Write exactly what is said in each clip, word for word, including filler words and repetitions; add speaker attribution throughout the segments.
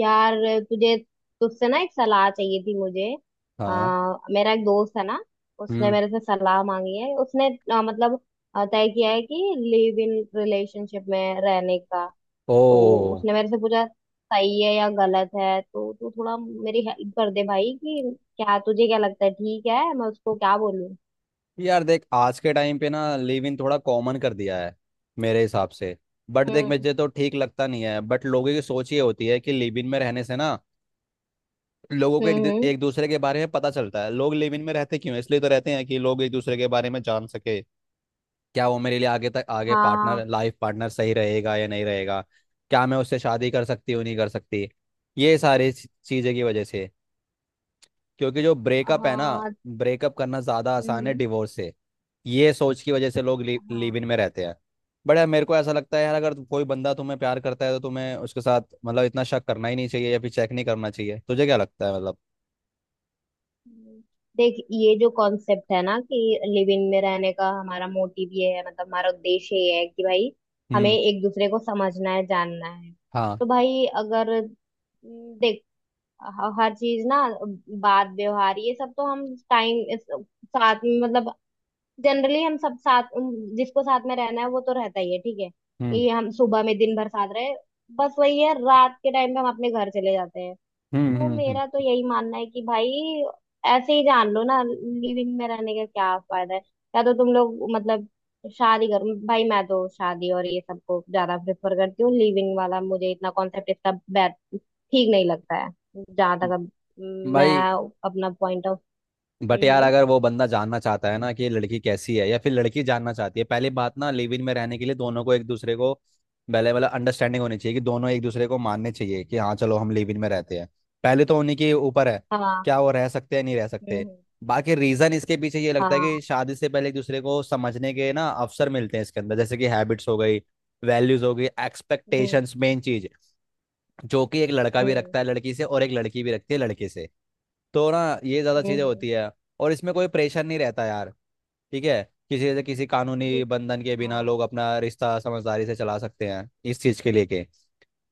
Speaker 1: यार, तुझे तुझसे ना एक सलाह चाहिए थी मुझे।
Speaker 2: हाँ।
Speaker 1: आ, मेरा एक दोस्त है ना, उसने
Speaker 2: हम्म।
Speaker 1: मेरे से सलाह मांगी है उसने। अ, मतलब अ, तय किया है कि लिव इन रिलेशनशिप में रहने का। तो
Speaker 2: ओ।
Speaker 1: उसने मेरे से पूछा सही है या गलत है, तो तू थोड़ा मेरी हेल्प कर दे भाई, कि क्या तुझे क्या लगता है, ठीक है, मैं उसको क्या बोलूं?
Speaker 2: यार देख, आज के टाइम पे ना लिव इन थोड़ा कॉमन कर दिया है मेरे हिसाब से। बट देख,
Speaker 1: हम्म,
Speaker 2: मुझे तो ठीक लगता नहीं है, बट लोगों की सोच ये होती है कि लिव इन में रहने से ना लोगों को एक
Speaker 1: हम्म,
Speaker 2: दि-
Speaker 1: हम्म,
Speaker 2: एक दूसरे के बारे में पता चलता है। लोग लिव इन में रहते क्यों हैं? इसलिए तो रहते हैं कि लोग एक दूसरे के बारे में जान सके, क्या वो मेरे लिए आगे तक आगे
Speaker 1: हाँ।
Speaker 2: पार्टनर, लाइफ पार्टनर सही रहेगा या नहीं रहेगा, क्या मैं उससे शादी कर सकती हूँ नहीं कर सकती, ये सारी चीज़ें की वजह से। क्योंकि जो ब्रेकअप है ना,
Speaker 1: हाँ।
Speaker 2: ब्रेकअप करना ज़्यादा
Speaker 1: हम्म,
Speaker 2: आसान है
Speaker 1: हम्म,
Speaker 2: डिवोर्स से। ये सोच की वजह से लोग लि, लिव इन
Speaker 1: हाँ।
Speaker 2: में रहते हैं। बट यार मेरे को ऐसा लगता है यार, अगर कोई बंदा तुम्हें प्यार करता है तो तुम्हें उसके साथ मतलब इतना शक करना ही नहीं चाहिए या फिर चेक नहीं करना चाहिए। तुझे क्या लगता है मतलब?
Speaker 1: हम्म। देख, ये जो कॉन्सेप्ट है ना कि लिव इन में रहने का हमारा मोटिव ये है, मतलब हमारा उद्देश्य ये है कि भाई हमें
Speaker 2: हम्म।
Speaker 1: एक दूसरे को समझना है, जानना है।
Speaker 2: हाँ।
Speaker 1: तो भाई अगर हम्म, देख, ह- हर चीज ना, बात व्यवहार ये सब तो हम टाइम साथ में मतलब जनरली हम सब साथ उम, जिसको साथ में रहना है वो तो रहता ही है, ठीक है।
Speaker 2: हम्म।
Speaker 1: ये हम सुबह में दिन भर साथ रहे, बस वही है, रात के टाइम पे हम अपने घर चले जाते हैं।
Speaker 2: हम्म।
Speaker 1: तो
Speaker 2: हम्म।
Speaker 1: मेरा तो
Speaker 2: हम्म।
Speaker 1: यही मानना है कि भाई ऐसे ही जान लो ना, लिविंग में रहने का क्या फायदा है? या तो तुम लोग मतलब शादी करो भाई। मैं तो शादी और ये सबको ज्यादा प्रेफर करती हूँ। लिविंग वाला मुझे इतना कॉन्सेप्ट इसका बैड ठीक नहीं लगता है। जहां तक अब
Speaker 2: हम्म।
Speaker 1: मैं
Speaker 2: भाई
Speaker 1: अपना पॉइंट ऑफ...
Speaker 2: बट यार,
Speaker 1: हम्म।
Speaker 2: अगर वो बंदा जानना चाहता है ना कि ये लड़की कैसी है या फिर लड़की जानना चाहती है, पहली बात ना लिव इन में रहने के लिए दोनों को एक दूसरे को पहले मतलब अंडरस्टैंडिंग होनी चाहिए कि दोनों एक दूसरे को मानने चाहिए कि हाँ चलो हम लिव इन में रहते हैं। पहले तो उन्हीं के ऊपर है,
Speaker 1: हाँ।
Speaker 2: क्या वो रह सकते हैं नहीं रह सकते।
Speaker 1: हम्म।
Speaker 2: बाकी रीजन इसके पीछे ये लगता है
Speaker 1: हाँ।
Speaker 2: कि शादी से पहले एक दूसरे को समझने के ना अवसर मिलते हैं इसके अंदर, जैसे कि हैबिट्स हो गई, वैल्यूज हो गई,
Speaker 1: हम्म। हाँ।
Speaker 2: एक्सपेक्टेशंस मेन चीज, जो कि एक लड़का
Speaker 1: हम्म,
Speaker 2: भी
Speaker 1: हम्म,
Speaker 2: रखता है लड़की से और एक लड़की भी रखती है लड़के से, तो ना ये ज़्यादा
Speaker 1: हम्म,
Speaker 2: चीज़ें
Speaker 1: हम्म।
Speaker 2: होती है। और इसमें कोई प्रेशर नहीं रहता यार, ठीक है? किसी से किसी कानूनी
Speaker 1: देख।
Speaker 2: बंधन के बिना
Speaker 1: हाँ।
Speaker 2: लोग अपना रिश्ता समझदारी से चला सकते हैं, इस चीज़ के लेके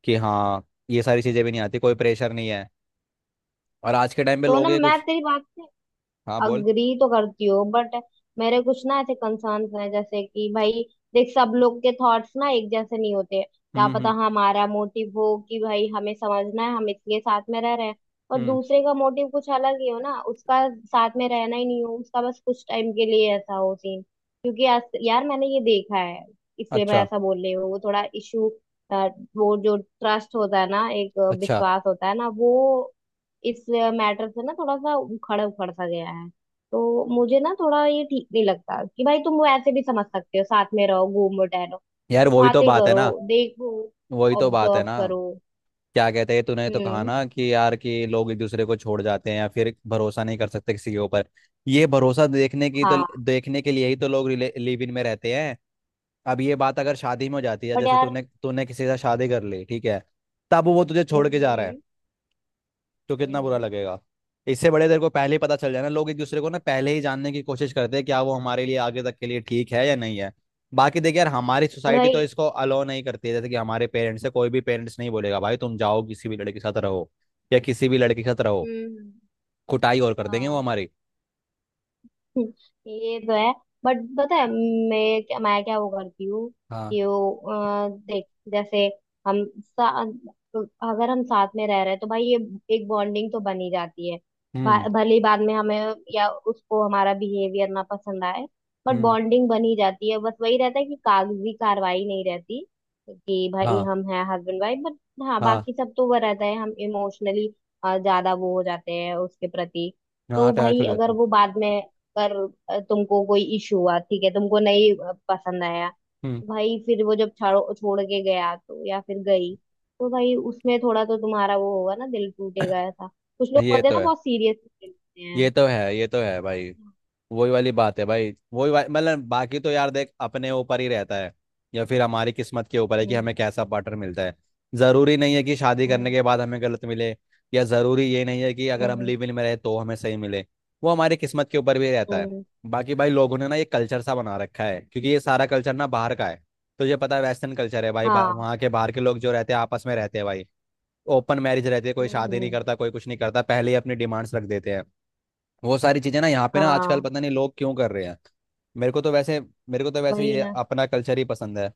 Speaker 2: कि हाँ ये सारी चीज़ें भी नहीं आती, कोई प्रेशर नहीं है। और आज के टाइम पे
Speaker 1: तो ना
Speaker 2: लोग ये
Speaker 1: मैं
Speaker 2: कुछ।
Speaker 1: तेरी बात से
Speaker 2: हाँ बोल।
Speaker 1: अग्री तो करती हो, बट मेरे कुछ ना ऐसे कंसर्न्स हैं, जैसे कि भाई देख सब लोग के थॉट्स ना एक जैसे नहीं होते। क्या
Speaker 2: हम्म।
Speaker 1: पता
Speaker 2: हम्म।
Speaker 1: हमारा मोटिव हो कि भाई हमें समझना है, हम इसलिए साथ में रह रहे हैं, और
Speaker 2: हम्म।
Speaker 1: दूसरे का मोटिव कुछ अलग ही हो ना, उसका साथ में रहना ही नहीं हो, उसका बस कुछ टाइम के लिए ऐसा हो सीन। क्योंकि यार, यार मैंने ये देखा है, इसलिए मैं
Speaker 2: अच्छा।
Speaker 1: ऐसा बोल रही हूँ। वो थोड़ा इशू, वो जो ट्रस्ट होता है ना, एक अ,
Speaker 2: अच्छा
Speaker 1: विश्वास होता है ना, वो इस मैटर से ना थोड़ा सा उखड़ उखड़ सा गया है। तो मुझे ना थोड़ा ये ठीक नहीं लगता कि भाई तुम वो ऐसे भी समझ सकते हो। साथ में रहो, घूमो टहलो,
Speaker 2: यार, वही तो
Speaker 1: बातें
Speaker 2: बात है
Speaker 1: करो,
Speaker 2: ना।
Speaker 1: देखो,
Speaker 2: वही तो बात
Speaker 1: ऑब्जर्व
Speaker 2: है ना।
Speaker 1: करो।
Speaker 2: क्या कहते हैं, तूने तो कहा
Speaker 1: हम्म।
Speaker 2: ना कि यार कि लोग एक दूसरे को छोड़ जाते हैं या फिर भरोसा नहीं कर सकते किसी के ऊपर। ये भरोसा देखने की तो,
Speaker 1: हाँ।
Speaker 2: देखने के लिए ही तो लोग लिव इन में रहते हैं। अब ये बात अगर शादी में हो जाती है,
Speaker 1: बट
Speaker 2: जैसे
Speaker 1: यार।
Speaker 2: तूने तूने किसी से शादी कर ली, ठीक है, तब वो तुझे
Speaker 1: हम्म,
Speaker 2: छोड़ के जा रहा है,
Speaker 1: हम्म,
Speaker 2: तो
Speaker 1: हम्म,
Speaker 2: कितना बुरा
Speaker 1: हम्म।
Speaker 2: लगेगा। इससे बड़े तेरे को पहले ही पता चल जाए ना, लोग एक दूसरे को ना पहले ही जानने की कोशिश करते हैं, क्या वो हमारे लिए आगे तक के लिए ठीक है या नहीं है। बाकी देख यार, हमारी
Speaker 1: बट
Speaker 2: सोसाइटी
Speaker 1: भाई।
Speaker 2: तो इसको अलो नहीं करती है। जैसे कि हमारे पेरेंट्स से कोई भी पेरेंट्स नहीं बोलेगा भाई तुम जाओ किसी भी लड़के के साथ रहो या किसी भी लड़के के साथ रहो।
Speaker 1: हम्म।
Speaker 2: कुटाई और कर देंगे वो
Speaker 1: हाँ,
Speaker 2: हमारी।
Speaker 1: ये तो है। बट पता है मैं क्या मैं क्या वो करती हूँ,
Speaker 2: हाँ।
Speaker 1: कि वो अ, देख, जैसे हम सा, तो अगर हम साथ में रह रहे हैं तो भाई ये एक बॉन्डिंग तो बन ही जाती है।
Speaker 2: हम्म।
Speaker 1: भा- भले ही बाद में हमें या उसको हमारा बिहेवियर ना पसंद आए, बट
Speaker 2: हम्म।
Speaker 1: बॉन्डिंग बन ही जाती है। बस वही रहता है कि कागजी कार्रवाई नहीं रहती, कि भाई
Speaker 2: हाँ।
Speaker 1: हम हैं हस्बैंड वाइफ, बट हाँ
Speaker 2: हाँ।
Speaker 1: बाकी सब तो वो रहता है, हम इमोशनली ज्यादा वो हो जाते हैं उसके प्रति।
Speaker 2: हाँ
Speaker 1: तो
Speaker 2: अटैच
Speaker 1: भाई
Speaker 2: हो
Speaker 1: अगर
Speaker 2: जाते हैं।
Speaker 1: वो बाद में पर अ, तुमको कोई इशू हुआ, ठीक है, तुमको नहीं अ, पसंद आया,
Speaker 2: हम्म।
Speaker 1: भाई फिर वो जब छाड़ो छोड़ के गया तो या फिर गई, तो भाई उसमें थोड़ा तो तुम्हारा वो होगा ना, दिल टूटेगा ऐसा। कुछ लोग
Speaker 2: ये
Speaker 1: होते हैं
Speaker 2: तो
Speaker 1: ना
Speaker 2: है।
Speaker 1: बहुत सीरियस लेते
Speaker 2: ये
Speaker 1: हैं।
Speaker 2: तो है। ये तो है भाई। वही वाली बात है भाई, वही वा- मतलब बाकी तो यार देख, अपने ऊपर ही रहता है, या फिर हमारी किस्मत के ऊपर है कि
Speaker 1: हम्म,
Speaker 2: हमें कैसा पार्टनर मिलता है। जरूरी नहीं है कि शादी करने
Speaker 1: हम्म,
Speaker 2: के बाद हमें गलत मिले, या जरूरी ये नहीं है कि अगर हम
Speaker 1: हम्म,
Speaker 2: लिव इन में रहे तो हमें सही मिले। वो हमारी किस्मत के ऊपर भी रहता है।
Speaker 1: हम्म।
Speaker 2: बाकी भाई लोगों ने ना ये कल्चर सा बना रखा है, क्योंकि ये सारा कल्चर ना बाहर का है। तुझे पता है, वेस्टर्न कल्चर है भाई, भाई
Speaker 1: हाँ।
Speaker 2: वहाँ के बाहर के लोग जो रहते हैं आपस में रहते हैं भाई। ओपन मैरिज रहती है, कोई
Speaker 1: हम्म,
Speaker 2: शादी नहीं
Speaker 1: हम्म,
Speaker 2: करता, कोई कुछ नहीं करता, पहले ही अपनी डिमांड्स रख देते हैं। वो सारी चीजें ना यहाँ पे ना आजकल
Speaker 1: हाँ।
Speaker 2: पता नहीं लोग क्यों कर रहे हैं। मेरे को तो वैसे, मेरे को तो वैसे
Speaker 1: वही
Speaker 2: ये
Speaker 1: ना,
Speaker 2: अपना कल्चर ही पसंद है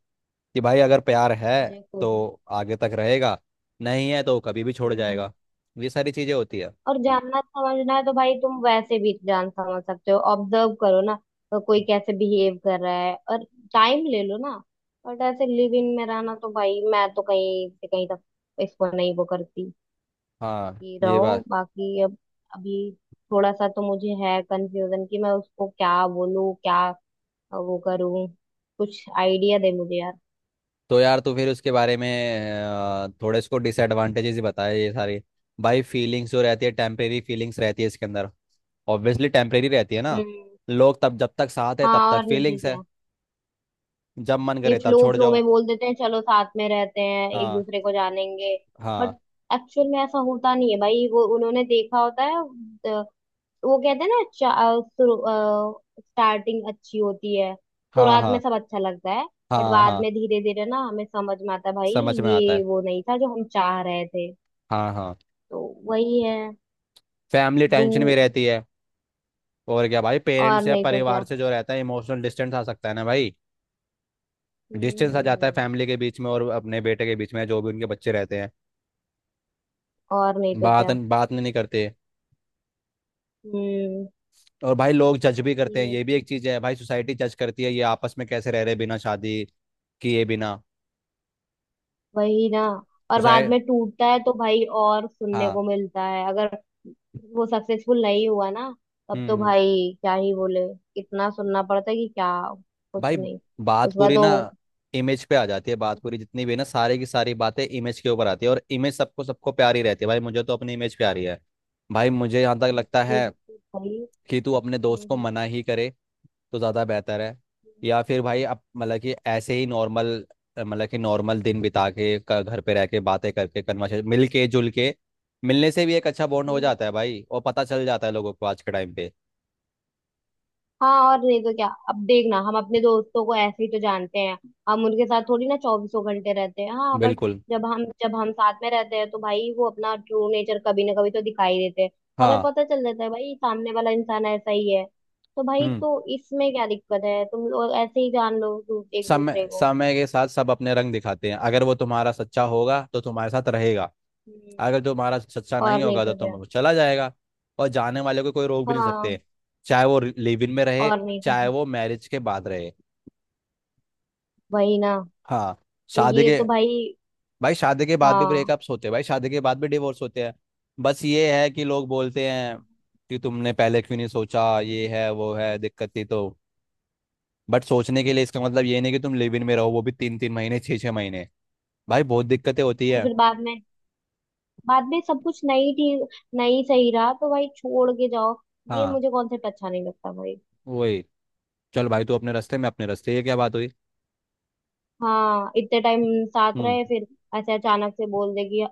Speaker 2: कि भाई अगर प्यार है
Speaker 1: मुझे खुद।
Speaker 2: तो आगे तक रहेगा, नहीं है तो कभी भी छोड़
Speaker 1: हम्म।
Speaker 2: जाएगा। ये सारी चीजें होती है।
Speaker 1: और जानना समझना है तो भाई तुम वैसे भी जान समझ सकते हो, ऑब्जर्व करो ना तो कोई कैसे बिहेव कर रहा है, और टाइम ले लो ना। बट ऐसे लिव इन में रहना तो भाई मैं तो कहीं से कहीं तक इसको नहीं वो करती
Speaker 2: हाँ
Speaker 1: कि
Speaker 2: ये
Speaker 1: रहो।
Speaker 2: बात।
Speaker 1: बाकी अब अभी थोड़ा सा तो मुझे है कंफ्यूजन कि मैं उसको क्या बोलूं, क्या वो करूं? कुछ आइडिया दे मुझे यार।
Speaker 2: तो यार तू फिर उसके बारे में अ, थोड़े इसको डिसएडवांटेजेस ही बताए ये सारी। भाई फीलिंग्स जो रहती है टेम्परेरी फीलिंग्स रहती है इसके अंदर। ऑब्वियसली टेम्परेरी रहती है ना।
Speaker 1: हम्म।
Speaker 2: लोग तब जब तक साथ है
Speaker 1: हाँ,
Speaker 2: तब तक
Speaker 1: और नहीं तो
Speaker 2: फीलिंग्स
Speaker 1: क्या।
Speaker 2: है। जब मन
Speaker 1: ये
Speaker 2: करे तब
Speaker 1: फ्लो
Speaker 2: छोड़
Speaker 1: फ्लो
Speaker 2: जाओ।
Speaker 1: में बोल देते हैं चलो साथ में रहते हैं, एक
Speaker 2: हाँ।
Speaker 1: दूसरे को जानेंगे, बट
Speaker 2: हाँ।
Speaker 1: एक्चुअल में ऐसा होता नहीं है भाई। वो उन्होंने देखा होता है अ, वो कहते हैं ना स्टार्टिंग अच्छी होती है,
Speaker 2: हाँ।
Speaker 1: शुरुआत में
Speaker 2: हाँ।
Speaker 1: सब अच्छा लगता है, बट
Speaker 2: हाँ।
Speaker 1: बाद
Speaker 2: हाँ।
Speaker 1: में धीरे धीरे ना हमें समझ में आता है, भाई
Speaker 2: समझ में आता
Speaker 1: ये
Speaker 2: है।
Speaker 1: वो नहीं था जो हम चाह रहे थे।
Speaker 2: हाँ। हाँ।
Speaker 1: तो वही है।
Speaker 2: फैमिली
Speaker 1: दू
Speaker 2: टेंशन में रहती है। और क्या भाई,
Speaker 1: और
Speaker 2: पेरेंट्स या
Speaker 1: नहीं तो
Speaker 2: परिवार
Speaker 1: क्या।
Speaker 2: से जो रहता है इमोशनल डिस्टेंस आ सकता है ना भाई।
Speaker 1: हम्म,
Speaker 2: डिस्टेंस आ
Speaker 1: हम्म,
Speaker 2: जाता है
Speaker 1: हम्म,
Speaker 2: फैमिली के बीच में और अपने बेटे के बीच में, जो भी उनके बच्चे रहते हैं
Speaker 1: और नहीं तो
Speaker 2: बात
Speaker 1: क्या।
Speaker 2: बात नहीं करते।
Speaker 1: हम्म,
Speaker 2: और भाई लोग जज भी करते हैं,
Speaker 1: ये,
Speaker 2: ये भी एक चीज़ है भाई। सोसाइटी जज करती है, ये आपस में कैसे रह रहे बिना शादी किए बिना।
Speaker 1: वही ना। और बाद
Speaker 2: सोसाइटी।
Speaker 1: में टूटता है तो भाई, और सुनने
Speaker 2: हाँ।
Speaker 1: को मिलता है, अगर वो सक्सेसफुल नहीं हुआ ना, तब
Speaker 2: हम्म।
Speaker 1: तो
Speaker 2: हम्म।
Speaker 1: भाई क्या ही बोले। इतना सुनना पड़ता है कि क्या, कुछ
Speaker 2: भाई
Speaker 1: नहीं।
Speaker 2: बात
Speaker 1: उसका
Speaker 2: पूरी
Speaker 1: तो
Speaker 2: ना इमेज पे आ जाती है। बात पूरी जितनी भी है ना, सारी की सारी बातें इमेज के ऊपर आती है, और इमेज सबको सबको प्यारी रहती है भाई। मुझे तो अपनी इमेज प्यारी है। भाई मुझे यहाँ तक लगता
Speaker 1: भाई।
Speaker 2: है
Speaker 1: हम्म,
Speaker 2: कि तू अपने दोस्त को
Speaker 1: हम्म,
Speaker 2: मना ही करे तो ज़्यादा बेहतर है। या फिर भाई अब मतलब कि ऐसे ही नॉर्मल, मतलब कि नॉर्मल दिन बिता के क- घर पे रह के बातें करके कन्वर्सेशन मिल के जुल के मिलने से भी एक अच्छा बॉन्ड हो
Speaker 1: हम्म,
Speaker 2: जाता है भाई, और पता चल जाता है लोगों को आज के टाइम पे।
Speaker 1: हाँ, और नहीं तो क्या। अब देखना हम अपने दोस्तों को ऐसे ही तो जानते हैं, हम उनके साथ थोड़ी ना चौबीसों घंटे रहते हैं, हाँ बट
Speaker 2: बिल्कुल।
Speaker 1: जब हम जब हम साथ में रहते हैं तो भाई वो अपना ट्रू नेचर कभी ना कभी तो दिखाई देते हैं, तो हमें
Speaker 2: हाँ।
Speaker 1: पता चल जाता है भाई सामने वाला इंसान ऐसा ही है। तो भाई
Speaker 2: हम्म।
Speaker 1: तो इसमें क्या दिक्कत है, तुम लोग ऐसे ही जान लो दू- एक दूसरे
Speaker 2: समय
Speaker 1: को।
Speaker 2: समय के साथ सब अपने रंग दिखाते हैं। अगर वो तुम्हारा सच्चा होगा तो तुम्हारे साथ रहेगा,
Speaker 1: हम्म,
Speaker 2: अगर तुम्हारा सच्चा
Speaker 1: और
Speaker 2: नहीं
Speaker 1: नहीं
Speaker 2: होगा तो
Speaker 1: तो क्या।
Speaker 2: तुम चला जाएगा। और जाने वाले को कोई रोक भी नहीं
Speaker 1: हाँ,
Speaker 2: सकते, चाहे वो लिव इन में रहे,
Speaker 1: और नहीं तो
Speaker 2: चाहे
Speaker 1: क्या।
Speaker 2: वो मैरिज के बाद रहे।
Speaker 1: वही ना।
Speaker 2: हाँ।
Speaker 1: तो
Speaker 2: शादी
Speaker 1: ये
Speaker 2: के,
Speaker 1: तो भाई।
Speaker 2: भाई शादी के बाद भी
Speaker 1: हाँ।
Speaker 2: ब्रेकअप्स होते हैं, भाई शादी के बाद भी डिवोर्स होते हैं। बस ये है कि लोग बोलते हैं कि तुमने पहले क्यों नहीं सोचा, ये है वो है दिक्कत थी तो। बट सोचने के लिए, इसका मतलब ये नहीं कि तुम लिव इन में रहो वो भी तीन तीन महीने, छः छः महीने, भाई बहुत दिक्कतें होती
Speaker 1: और
Speaker 2: है।
Speaker 1: फिर बाद में बाद में सब कुछ नहीं ठीक, नहीं सही रहा तो भाई छोड़ के जाओ। ये
Speaker 2: हाँ
Speaker 1: मुझे कॉन्सेप्ट अच्छा नहीं लगता भाई।
Speaker 2: वही। चल भाई तू अपने रास्ते मैं अपने रास्ते, ये क्या बात हुई।
Speaker 1: हाँ, इतने टाइम साथ
Speaker 2: हम्म।
Speaker 1: रहे फिर ऐसे अचानक से बोल दे कि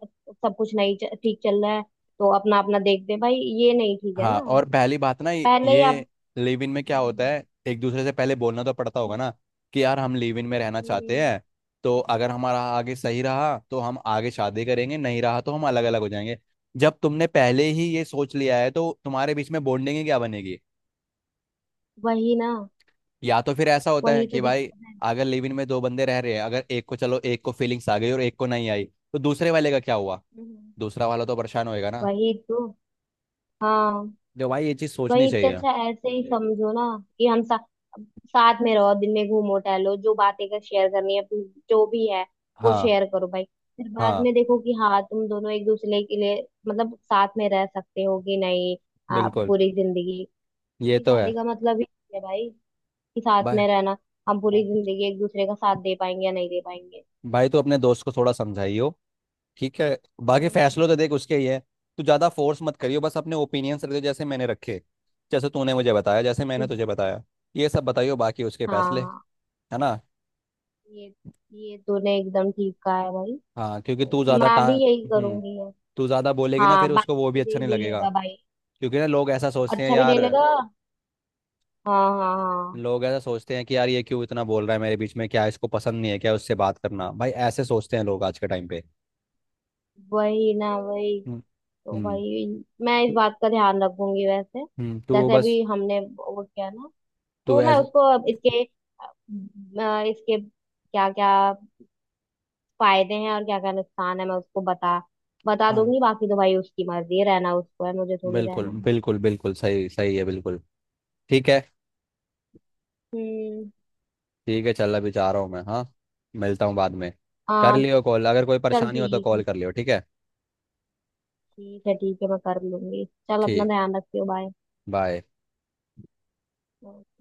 Speaker 1: सब कुछ नहीं च- ठीक चल रहा है, तो अपना अपना देखते हैं। भाई ये नहीं ठीक है
Speaker 2: हाँ,
Speaker 1: ना,
Speaker 2: और पहली बात ना ये
Speaker 1: पहले ही आप...
Speaker 2: ये लिव इन में क्या होता
Speaker 1: हम्म,
Speaker 2: है, एक दूसरे से पहले बोलना तो पड़ता होगा ना कि यार हम लिव इन में रहना चाहते
Speaker 1: हम्म,
Speaker 2: हैं, तो अगर हमारा आगे सही रहा तो हम आगे शादी करेंगे, नहीं रहा तो हम अलग अलग हो जाएंगे। जब तुमने पहले ही ये सोच लिया है तो तुम्हारे बीच में बॉन्डिंग ही क्या बनेगी।
Speaker 1: वही ना,
Speaker 2: या तो फिर ऐसा होता है
Speaker 1: वही तो
Speaker 2: कि भाई,
Speaker 1: दिक्कत है।
Speaker 2: अगर लिव इन में दो बंदे रह रहे हैं, अगर एक को, चलो एक को फीलिंग्स आ गई और एक को नहीं आई, तो दूसरे वाले का क्या हुआ?
Speaker 1: हम्म।
Speaker 2: दूसरा वाला तो परेशान होएगा ना।
Speaker 1: वही तो। हाँ
Speaker 2: जो भाई ये चीज़ सोचनी
Speaker 1: वही। इससे
Speaker 2: चाहिए।
Speaker 1: अच्छा ऐसे ही समझो ना, कि हम सा, साथ में रहो, दिन में घूमो टहलो, जो बातें कर शेयर करनी है अपनी, जो भी है वो
Speaker 2: हाँ।
Speaker 1: शेयर करो भाई। फिर बाद
Speaker 2: हाँ।
Speaker 1: में देखो कि हाँ, तुम दोनों एक दूसरे के लिए मतलब साथ में रह सकते हो कि नहीं, आप
Speaker 2: बिल्कुल।
Speaker 1: पूरी जिंदगी।
Speaker 2: ये
Speaker 1: क्योंकि
Speaker 2: तो
Speaker 1: शादी
Speaker 2: है
Speaker 1: का मतलब ही है भाई कि साथ
Speaker 2: भाई।
Speaker 1: में रहना, हम पूरी जिंदगी एक दूसरे का साथ दे पाएंगे या नहीं दे पाएंगे।
Speaker 2: भाई तू अपने दोस्त को थोड़ा समझाइयो, ठीक है? बाकी
Speaker 1: हम्म।
Speaker 2: फैसलों तो देख उसके ही है। तू ज़्यादा फोर्स मत करियो, बस अपने ओपिनियंस रखियो, जैसे मैंने रखे, जैसे तूने मुझे बताया, जैसे मैंने
Speaker 1: तो-
Speaker 2: तुझे बताया, ये सब बताइयो, बाकी उसके फैसले।
Speaker 1: हाँ,
Speaker 2: है ना?
Speaker 1: ये ये तूने एकदम ठीक कहा है भाई।
Speaker 2: हाँ, क्योंकि तू
Speaker 1: तो
Speaker 2: ज़्यादा
Speaker 1: मैं
Speaker 2: टा,
Speaker 1: भी यही
Speaker 2: हम्म,
Speaker 1: करूंगी।
Speaker 2: तू ज़्यादा बोलेगी ना
Speaker 1: हाँ
Speaker 2: फिर
Speaker 1: बाप,
Speaker 2: उसको वो भी
Speaker 1: मुझे
Speaker 2: अच्छा
Speaker 1: ही
Speaker 2: नहीं लगेगा।
Speaker 1: बोलेगा भाई,
Speaker 2: क्योंकि ना लोग ऐसा सोचते हैं
Speaker 1: अच्छा भी
Speaker 2: यार,
Speaker 1: नहीं लगा। हाँ, हाँ, हाँ।
Speaker 2: लोग ऐसा सोचते हैं कि यार ये क्यों इतना बोल रहा है मेरे बीच में, क्या इसको पसंद नहीं है क्या उससे बात करना, भाई ऐसे सोचते हैं लोग आज के टाइम पे।
Speaker 1: वही ना, वही।
Speaker 2: हम्म।
Speaker 1: तो
Speaker 2: हम्म।
Speaker 1: भाई मैं इस
Speaker 2: तो
Speaker 1: बात का ध्यान रखूंगी वैसे,
Speaker 2: हम्म, तो
Speaker 1: जैसे
Speaker 2: बस,
Speaker 1: अभी हमने वो किया ना,
Speaker 2: तो
Speaker 1: तो मैं
Speaker 2: एज।
Speaker 1: उसको अब इसके अ, इसके क्या क्या फायदे हैं और क्या क्या नुकसान है मैं उसको बता बता
Speaker 2: हाँ
Speaker 1: दूंगी। बाकी तो भाई उसकी मर्जी है, रहना उसको है, मुझे थोड़ी
Speaker 2: बिल्कुल,
Speaker 1: रहना है।
Speaker 2: बिल्कुल बिल्कुल, सही सही है, बिल्कुल। ठीक है।
Speaker 1: हम्म।
Speaker 2: ठीक है, चल अभी जा रहा हूँ मैं, हाँ, मिलता हूँ बाद में। कर
Speaker 1: हाँ।
Speaker 2: लियो कॉल, अगर कोई
Speaker 1: चल
Speaker 2: परेशानी हो तो
Speaker 1: ठीक
Speaker 2: कॉल
Speaker 1: है,
Speaker 2: कर लियो, ठीक है?
Speaker 1: ठीक है, ठीक है मैं कर लूंगी। चल अपना
Speaker 2: ठीक।
Speaker 1: ध्यान रखियो, बाय।
Speaker 2: बाय।